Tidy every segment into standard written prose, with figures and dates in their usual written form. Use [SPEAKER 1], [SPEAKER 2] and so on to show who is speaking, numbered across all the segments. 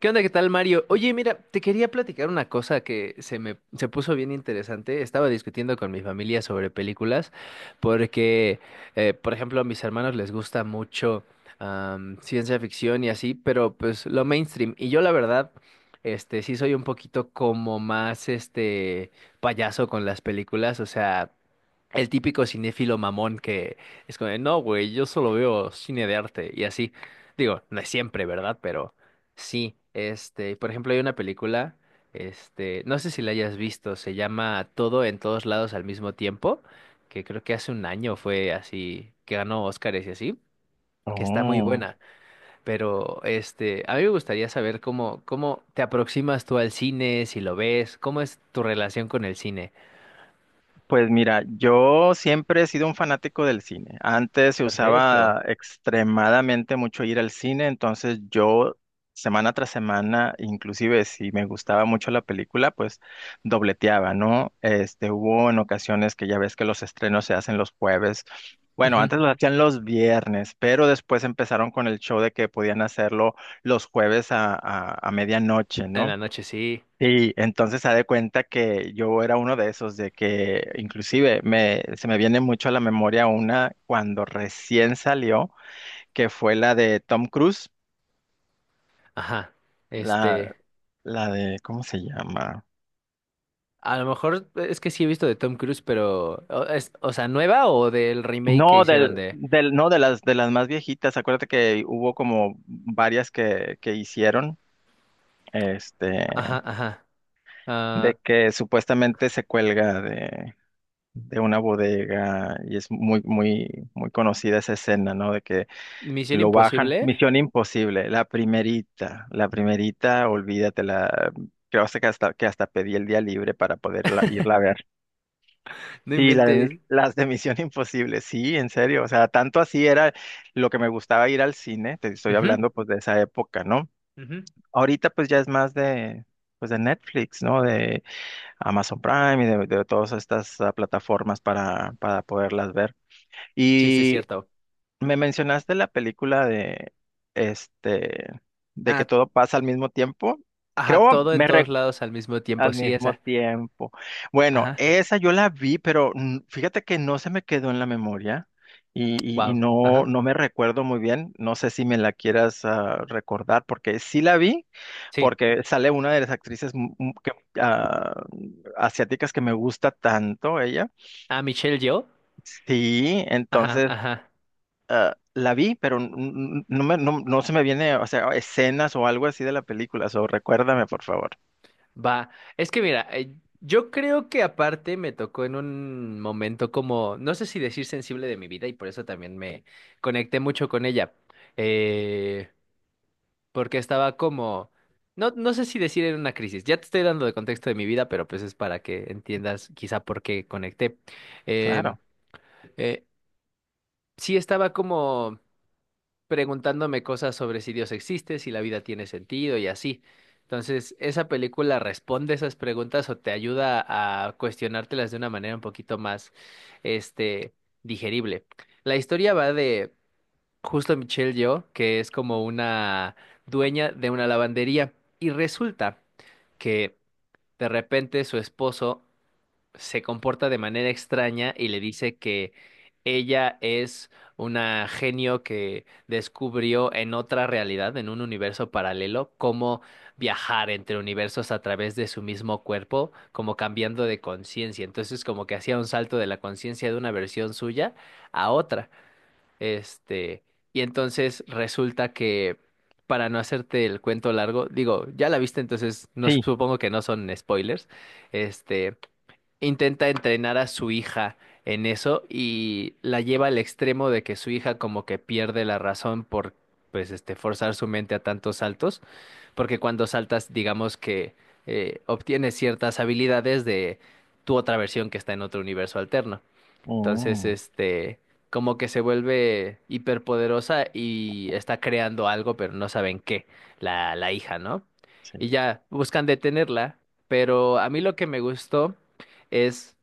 [SPEAKER 1] ¿Qué onda? ¿Qué tal, Mario? Oye, mira, te quería platicar una cosa que se me se puso bien interesante. Estaba discutiendo con mi familia sobre películas porque, por ejemplo, a mis hermanos les gusta mucho ciencia ficción y así, pero pues lo mainstream. Y yo la verdad, sí soy un poquito como más, payaso con las películas. O sea, el típico cinéfilo mamón que es como, de, no, güey, yo solo veo cine de arte y así. Digo, no es siempre, ¿verdad? Pero sí, por ejemplo, hay una película, no sé si la hayas visto, se llama Todo en Todos Lados al Mismo Tiempo, que creo que hace un año fue así, que ganó Óscares y así, que está muy
[SPEAKER 2] Oh,
[SPEAKER 1] buena. Pero, a mí me gustaría saber cómo te aproximas tú al cine, si lo ves, cómo es tu relación con el cine.
[SPEAKER 2] pues mira, yo siempre he sido un fanático del cine. Antes se
[SPEAKER 1] Perfecto.
[SPEAKER 2] usaba extremadamente mucho ir al cine, entonces yo semana tras semana, inclusive si me gustaba mucho la película, pues dobleteaba, ¿no? Hubo en ocasiones que ya ves que los estrenos se hacen los jueves. Bueno,
[SPEAKER 1] Ujú.
[SPEAKER 2] antes lo hacían los viernes, pero después empezaron con el show de que podían hacerlo los jueves a medianoche,
[SPEAKER 1] En la
[SPEAKER 2] ¿no?
[SPEAKER 1] noche sí.
[SPEAKER 2] Sí, entonces se da cuenta que yo era uno de esos, de que inclusive me, se me viene mucho a la memoria una cuando recién salió, que fue la de Tom Cruise,
[SPEAKER 1] Ajá.
[SPEAKER 2] la,
[SPEAKER 1] Este,
[SPEAKER 2] la de, ¿cómo se llama?
[SPEAKER 1] a lo mejor es que sí he visto de Tom Cruise, pero es, o sea, nueva o del remake que
[SPEAKER 2] No,
[SPEAKER 1] hicieron de
[SPEAKER 2] no, de las más viejitas. Acuérdate que hubo como varias que hicieron, este,
[SPEAKER 1] ajá, ajá. Ah,
[SPEAKER 2] de que supuestamente se cuelga de, una bodega y es muy, muy, muy conocida esa escena, ¿no? De que
[SPEAKER 1] Misión
[SPEAKER 2] lo bajan.
[SPEAKER 1] Imposible.
[SPEAKER 2] Misión Imposible, la primerita, olvídatela. Creo que hasta pedí el día libre para poderla irla a ver.
[SPEAKER 1] No
[SPEAKER 2] Sí, la de,
[SPEAKER 1] inventes.
[SPEAKER 2] las de Misión Imposible, sí, en serio. O sea, tanto así era lo que me gustaba ir al cine. Te estoy
[SPEAKER 1] Ujú,
[SPEAKER 2] hablando pues de esa época, ¿no?
[SPEAKER 1] ujú.
[SPEAKER 2] Ahorita pues ya es más de, pues de Netflix, ¿no? De Amazon Prime y de todas estas plataformas para poderlas ver.
[SPEAKER 1] Sí, sí es
[SPEAKER 2] Y
[SPEAKER 1] cierto.
[SPEAKER 2] me mencionaste la película de este de que
[SPEAKER 1] Ah,
[SPEAKER 2] todo pasa al mismo tiempo.
[SPEAKER 1] ajá,
[SPEAKER 2] Creo
[SPEAKER 1] todo en
[SPEAKER 2] me
[SPEAKER 1] todos
[SPEAKER 2] re-
[SPEAKER 1] lados al mismo tiempo,
[SPEAKER 2] al
[SPEAKER 1] sí,
[SPEAKER 2] mismo
[SPEAKER 1] esa.
[SPEAKER 2] tiempo. Bueno,
[SPEAKER 1] Ajá.
[SPEAKER 2] esa yo la vi, pero fíjate que no se me quedó en la memoria y, y- y
[SPEAKER 1] Wow.
[SPEAKER 2] no,
[SPEAKER 1] Ajá.
[SPEAKER 2] no me recuerdo muy bien. No sé si me la quieras recordar, porque sí la vi,
[SPEAKER 1] Sí.
[SPEAKER 2] porque sale una de las actrices que, ah, asiáticas que me gusta tanto, ella.
[SPEAKER 1] Ah, Michelle Yeoh.
[SPEAKER 2] Sí,
[SPEAKER 1] Ajá,
[SPEAKER 2] entonces
[SPEAKER 1] ajá.
[SPEAKER 2] la vi, pero no se me viene, o sea, escenas o algo así de la película, so recuérdame, por favor.
[SPEAKER 1] Va, es que mira, yo creo que aparte me tocó en un momento como, no sé si decir sensible de mi vida y por eso también me conecté mucho con ella, eh, porque estaba como, no sé si decir en una crisis, ya te estoy dando de contexto de mi vida, pero pues es para que entiendas quizá por qué conecté. Em,
[SPEAKER 2] Claro,
[SPEAKER 1] eh, sí estaba como preguntándome cosas sobre si Dios existe, si la vida tiene sentido y así. Entonces, esa película responde esas preguntas o te ayuda a cuestionártelas de una manera un poquito más, este, digerible. La historia va de justo Michelle Yeoh, que es como una dueña de una lavandería y resulta que de repente su esposo se comporta de manera extraña y le dice que ella es una genio que descubrió en otra realidad, en un universo paralelo, cómo viajar entre universos a través de su mismo cuerpo, como cambiando de conciencia. Entonces, como que hacía un salto de la conciencia de una versión suya a otra. Este, y entonces resulta que para no hacerte el cuento largo, digo, ya la viste, entonces no
[SPEAKER 2] sí.
[SPEAKER 1] supongo que no son spoilers. Este, intenta entrenar a su hija en eso y la lleva al extremo de que su hija como que pierde la razón por pues este forzar su mente a tantos saltos, porque cuando saltas digamos que obtienes ciertas habilidades de tu otra versión que está en otro universo alterno. Entonces,
[SPEAKER 2] Mm,
[SPEAKER 1] como que se vuelve hiperpoderosa y está creando algo, pero no saben qué, la hija, ¿no?
[SPEAKER 2] sí,
[SPEAKER 1] Y ya buscan detenerla, pero a mí lo que me gustó es,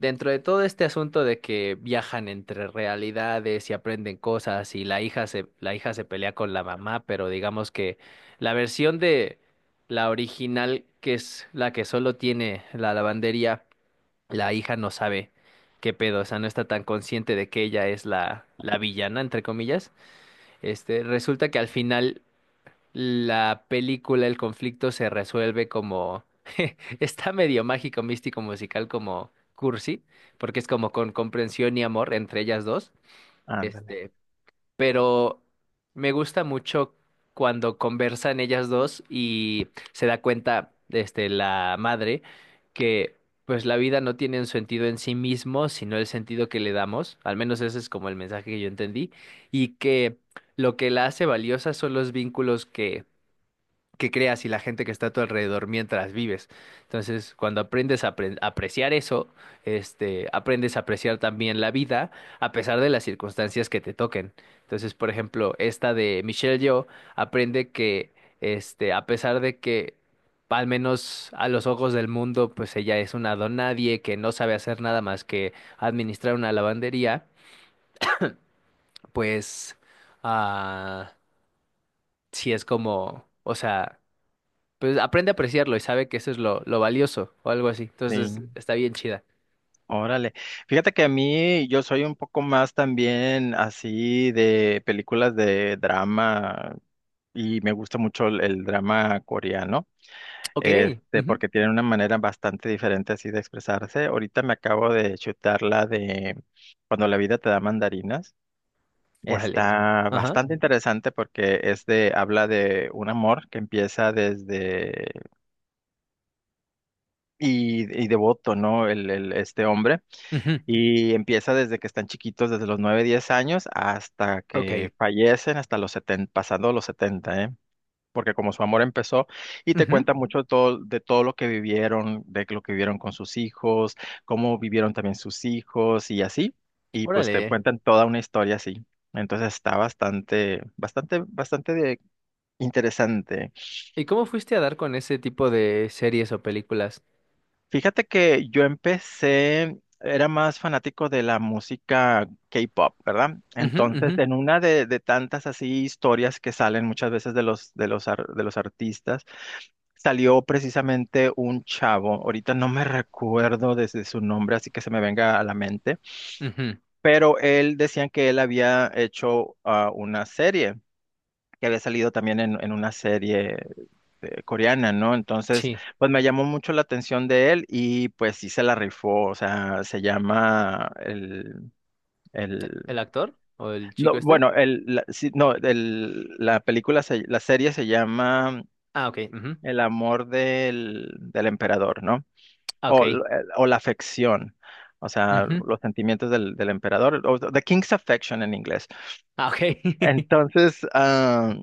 [SPEAKER 1] dentro de todo este asunto de que viajan entre realidades y aprenden cosas y la hija se pelea con la mamá, pero digamos que la versión de la original, que es la que solo tiene la lavandería, la hija no sabe qué pedo, o sea, no está tan consciente de que ella es la villana, entre comillas. Resulta que al final la película, el conflicto se resuelve como, está medio mágico, místico, musical, como cursi, porque es como con comprensión y amor entre ellas dos.
[SPEAKER 2] ándale.
[SPEAKER 1] Este, pero me gusta mucho cuando conversan ellas dos y se da cuenta, la madre, que pues la vida no tiene un sentido en sí mismo, sino el sentido que le damos, al menos ese es como el mensaje que yo entendí, y que lo que la hace valiosa son los vínculos que creas y la gente que está a tu alrededor mientras vives. Entonces, cuando aprendes a apreciar eso, aprendes a apreciar también la vida a pesar de las circunstancias que te toquen. Entonces, por ejemplo, esta de Michelle Yeoh aprende que, a pesar de que al menos a los ojos del mundo, pues ella es una donadie que no sabe hacer nada más que administrar una lavandería, pues ah, sí es como, o sea pues aprende a apreciarlo y sabe que eso es lo valioso o algo así.
[SPEAKER 2] Sí,
[SPEAKER 1] Entonces está bien chida.
[SPEAKER 2] órale. Fíjate que a mí yo soy un poco más también así de películas de drama y me gusta mucho el drama coreano.
[SPEAKER 1] Ok, ujú,
[SPEAKER 2] Porque tienen una manera bastante diferente así de expresarse. Ahorita me acabo de chutar la de Cuando la vida te da mandarinas.
[SPEAKER 1] órale.
[SPEAKER 2] Está
[SPEAKER 1] Ajá.
[SPEAKER 2] bastante interesante porque es de, habla de un amor que empieza desde, y devoto, ¿no? Este hombre,
[SPEAKER 1] Ujú,
[SPEAKER 2] y empieza desde que están chiquitos, desde los 9 10 años hasta
[SPEAKER 1] ok.
[SPEAKER 2] que fallecen, hasta los 70, pasando los 70, ¿eh? Porque como su amor empezó, y te
[SPEAKER 1] Ujú,
[SPEAKER 2] cuenta mucho todo, de todo lo que vivieron, de lo que vivieron con sus hijos, cómo vivieron también sus hijos y así, y pues te
[SPEAKER 1] órale.
[SPEAKER 2] cuentan toda una historia así. Entonces está bastante, bastante, bastante interesante.
[SPEAKER 1] ¿Y cómo fuiste a dar con ese tipo de series o películas?
[SPEAKER 2] Fíjate que yo empecé, era más fanático de la música K-pop, ¿verdad?
[SPEAKER 1] Ujú, ujú,
[SPEAKER 2] Entonces, en una de tantas así historias que salen muchas veces de los, de los de los artistas, salió precisamente un chavo, ahorita no me recuerdo desde su nombre, así que se me venga a la mente,
[SPEAKER 1] ujú,
[SPEAKER 2] pero él decían que él había hecho una serie que había salido también en una serie coreana, ¿no? Entonces,
[SPEAKER 1] sí.
[SPEAKER 2] pues me llamó mucho la atención de él y pues sí se la rifó, o sea, se llama el... El,
[SPEAKER 1] ¿E- ¿El actor o el chico
[SPEAKER 2] no,
[SPEAKER 1] este?
[SPEAKER 2] bueno, el, la, sí, no, el, la película, la serie se llama
[SPEAKER 1] Ah, ok. Ujú,
[SPEAKER 2] El amor del emperador, ¿no?
[SPEAKER 1] ah, ok.
[SPEAKER 2] O, o la afección, o sea,
[SPEAKER 1] Ujú,
[SPEAKER 2] los sentimientos del emperador, o The King's Affection en inglés.
[SPEAKER 1] ah, ok.
[SPEAKER 2] Entonces,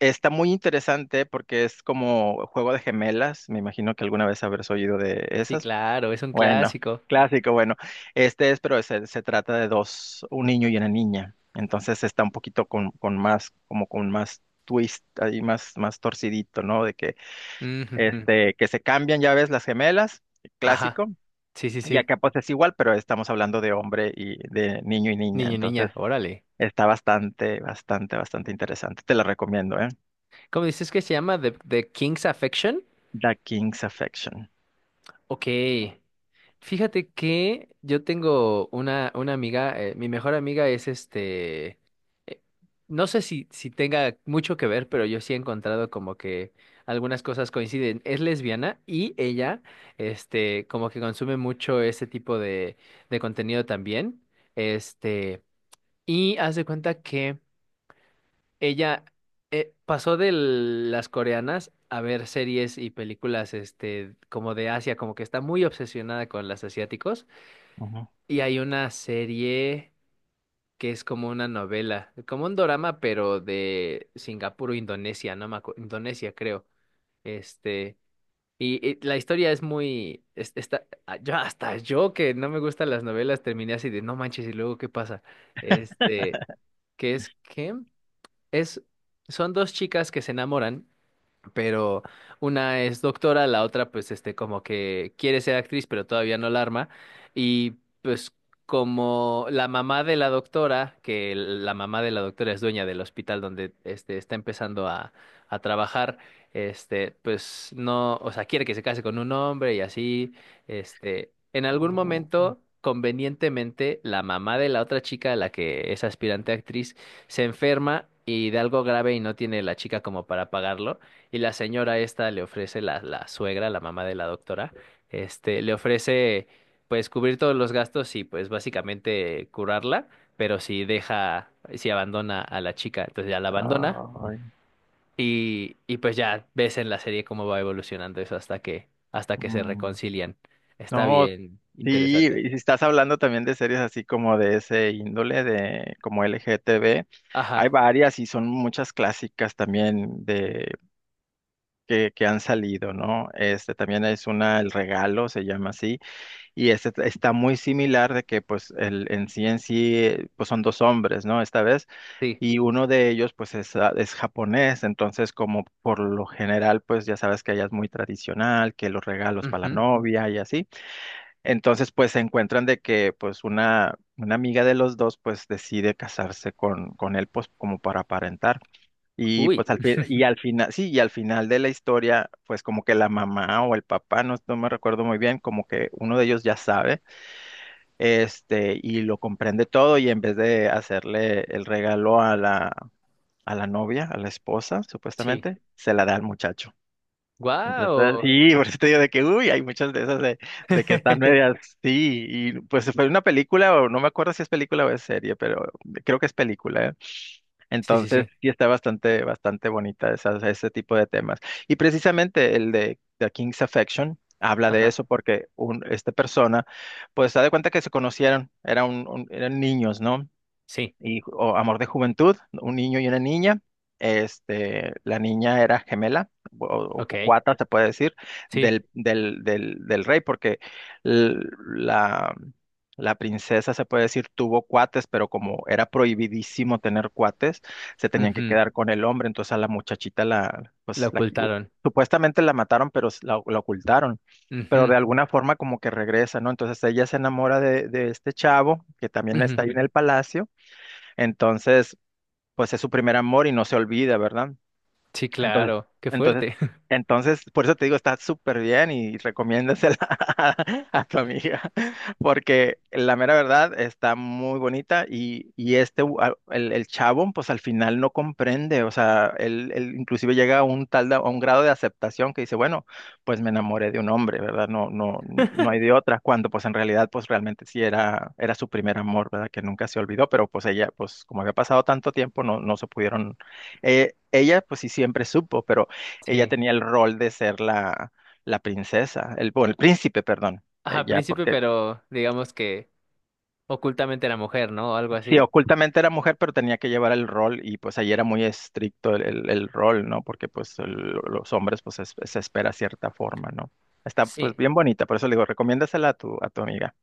[SPEAKER 2] está muy interesante porque es como juego de gemelas. Me imagino que alguna vez habrás oído de
[SPEAKER 1] Sí,
[SPEAKER 2] esas.
[SPEAKER 1] claro, es un
[SPEAKER 2] Bueno,
[SPEAKER 1] clásico.
[SPEAKER 2] clásico, bueno. Este es, pero se trata de dos, un niño y una niña. Entonces está un poquito con más, como con más twist, ahí más, más torcidito, ¿no? De que,
[SPEAKER 1] Ujujú,
[SPEAKER 2] que se cambian, ya ves, las gemelas,
[SPEAKER 1] ajá.
[SPEAKER 2] clásico.
[SPEAKER 1] Sí, sí,
[SPEAKER 2] Y
[SPEAKER 1] sí.
[SPEAKER 2] acá pues es igual, pero estamos hablando de hombre y de niño y niña.
[SPEAKER 1] Niño,
[SPEAKER 2] Entonces
[SPEAKER 1] niña, órale.
[SPEAKER 2] está bastante, bastante, bastante interesante. Te la recomiendo, ¿eh?
[SPEAKER 1] ¿Cómo dices que se llama? The King's Affection.
[SPEAKER 2] The King's Affection.
[SPEAKER 1] Ok, fíjate que yo tengo una amiga, mi mejor amiga es eh, no sé si tenga mucho que ver, pero yo sí he encontrado como que algunas cosas coinciden. Es lesbiana y ella, como que consume mucho ese tipo de contenido también. Este, y haz de cuenta que ella pasó de las coreanas a ver series y películas este, como de Asia, como que está muy obsesionada con las asiáticos.
[SPEAKER 2] Ujú.
[SPEAKER 1] Y hay una serie que es como una novela, como un dorama, pero de Singapur o Indonesia, no me acuerdo, Indonesia creo. Este, y la historia es muy, está, ah, yo hasta yo que no me gustan las novelas terminé así de no manches y luego qué pasa. Este, que es, son dos chicas que se enamoran pero una es doctora, la otra pues este como que quiere ser actriz pero todavía no la arma y pues como la mamá de la doctora, que la mamá de la doctora es dueña del hospital donde este está empezando a trabajar, este pues no, o sea, quiere que se case con un hombre y así, en algún
[SPEAKER 2] Oh,
[SPEAKER 1] momento convenientemente, la mamá de la otra chica, la que es aspirante a actriz, se enferma y de algo grave y no tiene la chica como para pagarlo. Y la señora esta le ofrece, la suegra, la mamá de la doctora, le ofrece pues cubrir todos los gastos y pues básicamente curarla, pero si deja, si abandona a la chica, entonces ya la abandona
[SPEAKER 2] ay,
[SPEAKER 1] y pues ya ves en la serie cómo va evolucionando eso hasta hasta que se
[SPEAKER 2] mm.
[SPEAKER 1] reconcilian. Está
[SPEAKER 2] No,
[SPEAKER 1] bien,
[SPEAKER 2] sí,
[SPEAKER 1] interesante.
[SPEAKER 2] y si estás hablando también de series así como de ese índole, de como L G T LGTB, hay
[SPEAKER 1] Ajá,
[SPEAKER 2] varias y son muchas clásicas también de que han salido, ¿no? Este también es una, El Regalo se llama así, y este está muy similar de que pues el en sí, pues son dos hombres, ¿no? Esta vez.
[SPEAKER 1] sí.
[SPEAKER 2] Y uno de ellos, pues, es japonés, entonces, como por lo general, pues, ya sabes que allá es muy tradicional, que los regalos para la
[SPEAKER 1] Ujú,
[SPEAKER 2] novia y así. Entonces, pues, se encuentran de que, pues, una amiga de los dos, pues, decide casarse con él, pues, como para aparentar. Y,
[SPEAKER 1] uy,
[SPEAKER 2] pues, al fin, y al final, sí, y al final de la historia, pues, como que la mamá o el papá, no, no me recuerdo muy bien, como que uno de ellos ya sabe, y lo comprende todo, y en vez de hacerle el regalo a la novia, a la esposa,
[SPEAKER 1] sí.
[SPEAKER 2] supuestamente, se la da al muchacho. Entonces,
[SPEAKER 1] Guau.
[SPEAKER 2] sí, por eso te digo de que, uy, hay muchas de esas de que están medias, sí, y pues fue una película, o no me acuerdo si es película o es serie, pero creo que es película, ¿eh?
[SPEAKER 1] Sí, sí,
[SPEAKER 2] Entonces,
[SPEAKER 1] sí.
[SPEAKER 2] sí está bastante, bastante bonita esas, ese tipo de temas. Y precisamente el de The King's Affection habla de
[SPEAKER 1] Ajá,
[SPEAKER 2] eso porque un, esta persona, pues, se da cuenta que se conocieron, era eran niños, ¿no?
[SPEAKER 1] sí.
[SPEAKER 2] Y, o amor de juventud, un niño y una niña. Este, la niña era gemela o,
[SPEAKER 1] Ok,
[SPEAKER 2] o cuata, se puede decir,
[SPEAKER 1] sí.
[SPEAKER 2] del rey, porque l- la, princesa, se puede decir, tuvo cuates, pero como era prohibidísimo tener cuates, se tenían que
[SPEAKER 1] Ujú.
[SPEAKER 2] quedar con el hombre, entonces a la muchachita la,
[SPEAKER 1] La
[SPEAKER 2] pues, la,
[SPEAKER 1] ocultaron.
[SPEAKER 2] supuestamente la mataron, pero la ocultaron. Pero de
[SPEAKER 1] Ujú,
[SPEAKER 2] alguna forma como que regresa, ¿no? Entonces ella se enamora de este chavo, que también
[SPEAKER 1] ujú.
[SPEAKER 2] está ahí en el palacio, entonces, pues es su primer amor y no se olvida, ¿verdad?
[SPEAKER 1] Sí,
[SPEAKER 2] Entonces,
[SPEAKER 1] claro. Qué
[SPEAKER 2] entonces,
[SPEAKER 1] fuerte.
[SPEAKER 2] entonces, por eso te digo, está súper bien y recomiéndasela a, a tu amiga, porque la mera verdad está muy bonita y este, el chavo, pues al final no comprende, o sea, él inclusive llega a un grado de aceptación que dice, bueno, pues me enamoré de un hombre, ¿verdad? No, no, no hay de otra, cuando pues en realidad, pues realmente sí era su primer amor, ¿verdad? Que nunca se olvidó, pero pues ella, pues como había pasado tanto tiempo, no se pudieron ella, pues sí, siempre supo, pero ella
[SPEAKER 1] Sí.
[SPEAKER 2] tenía el rol de ser la princesa, el, bueno, el príncipe, perdón.
[SPEAKER 1] Ajá,
[SPEAKER 2] Ella,
[SPEAKER 1] príncipe,
[SPEAKER 2] porque
[SPEAKER 1] pero digamos que ocultamente era mujer, ¿no? O algo
[SPEAKER 2] sí,
[SPEAKER 1] así.
[SPEAKER 2] ocultamente era mujer, pero tenía que llevar el rol y pues ahí era muy estricto el, el rol, ¿no? Porque pues los hombres pues se espera cierta forma, ¿no? Está pues
[SPEAKER 1] Sí,
[SPEAKER 2] bien bonita, por eso le digo, recomiéndasela a tu amiga.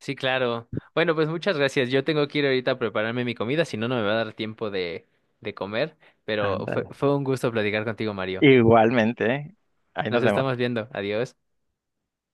[SPEAKER 1] sí, claro. Bueno, pues muchas gracias. Yo tengo que ir ahorita a prepararme mi comida, si no, no me va a dar tiempo de comer. Pero
[SPEAKER 2] Ándale.
[SPEAKER 1] fue un gusto platicar contigo, Mario.
[SPEAKER 2] Igualmente, ¿eh? Ahí
[SPEAKER 1] Nos
[SPEAKER 2] nos
[SPEAKER 1] estamos
[SPEAKER 2] vemos.
[SPEAKER 1] viendo. Adiós.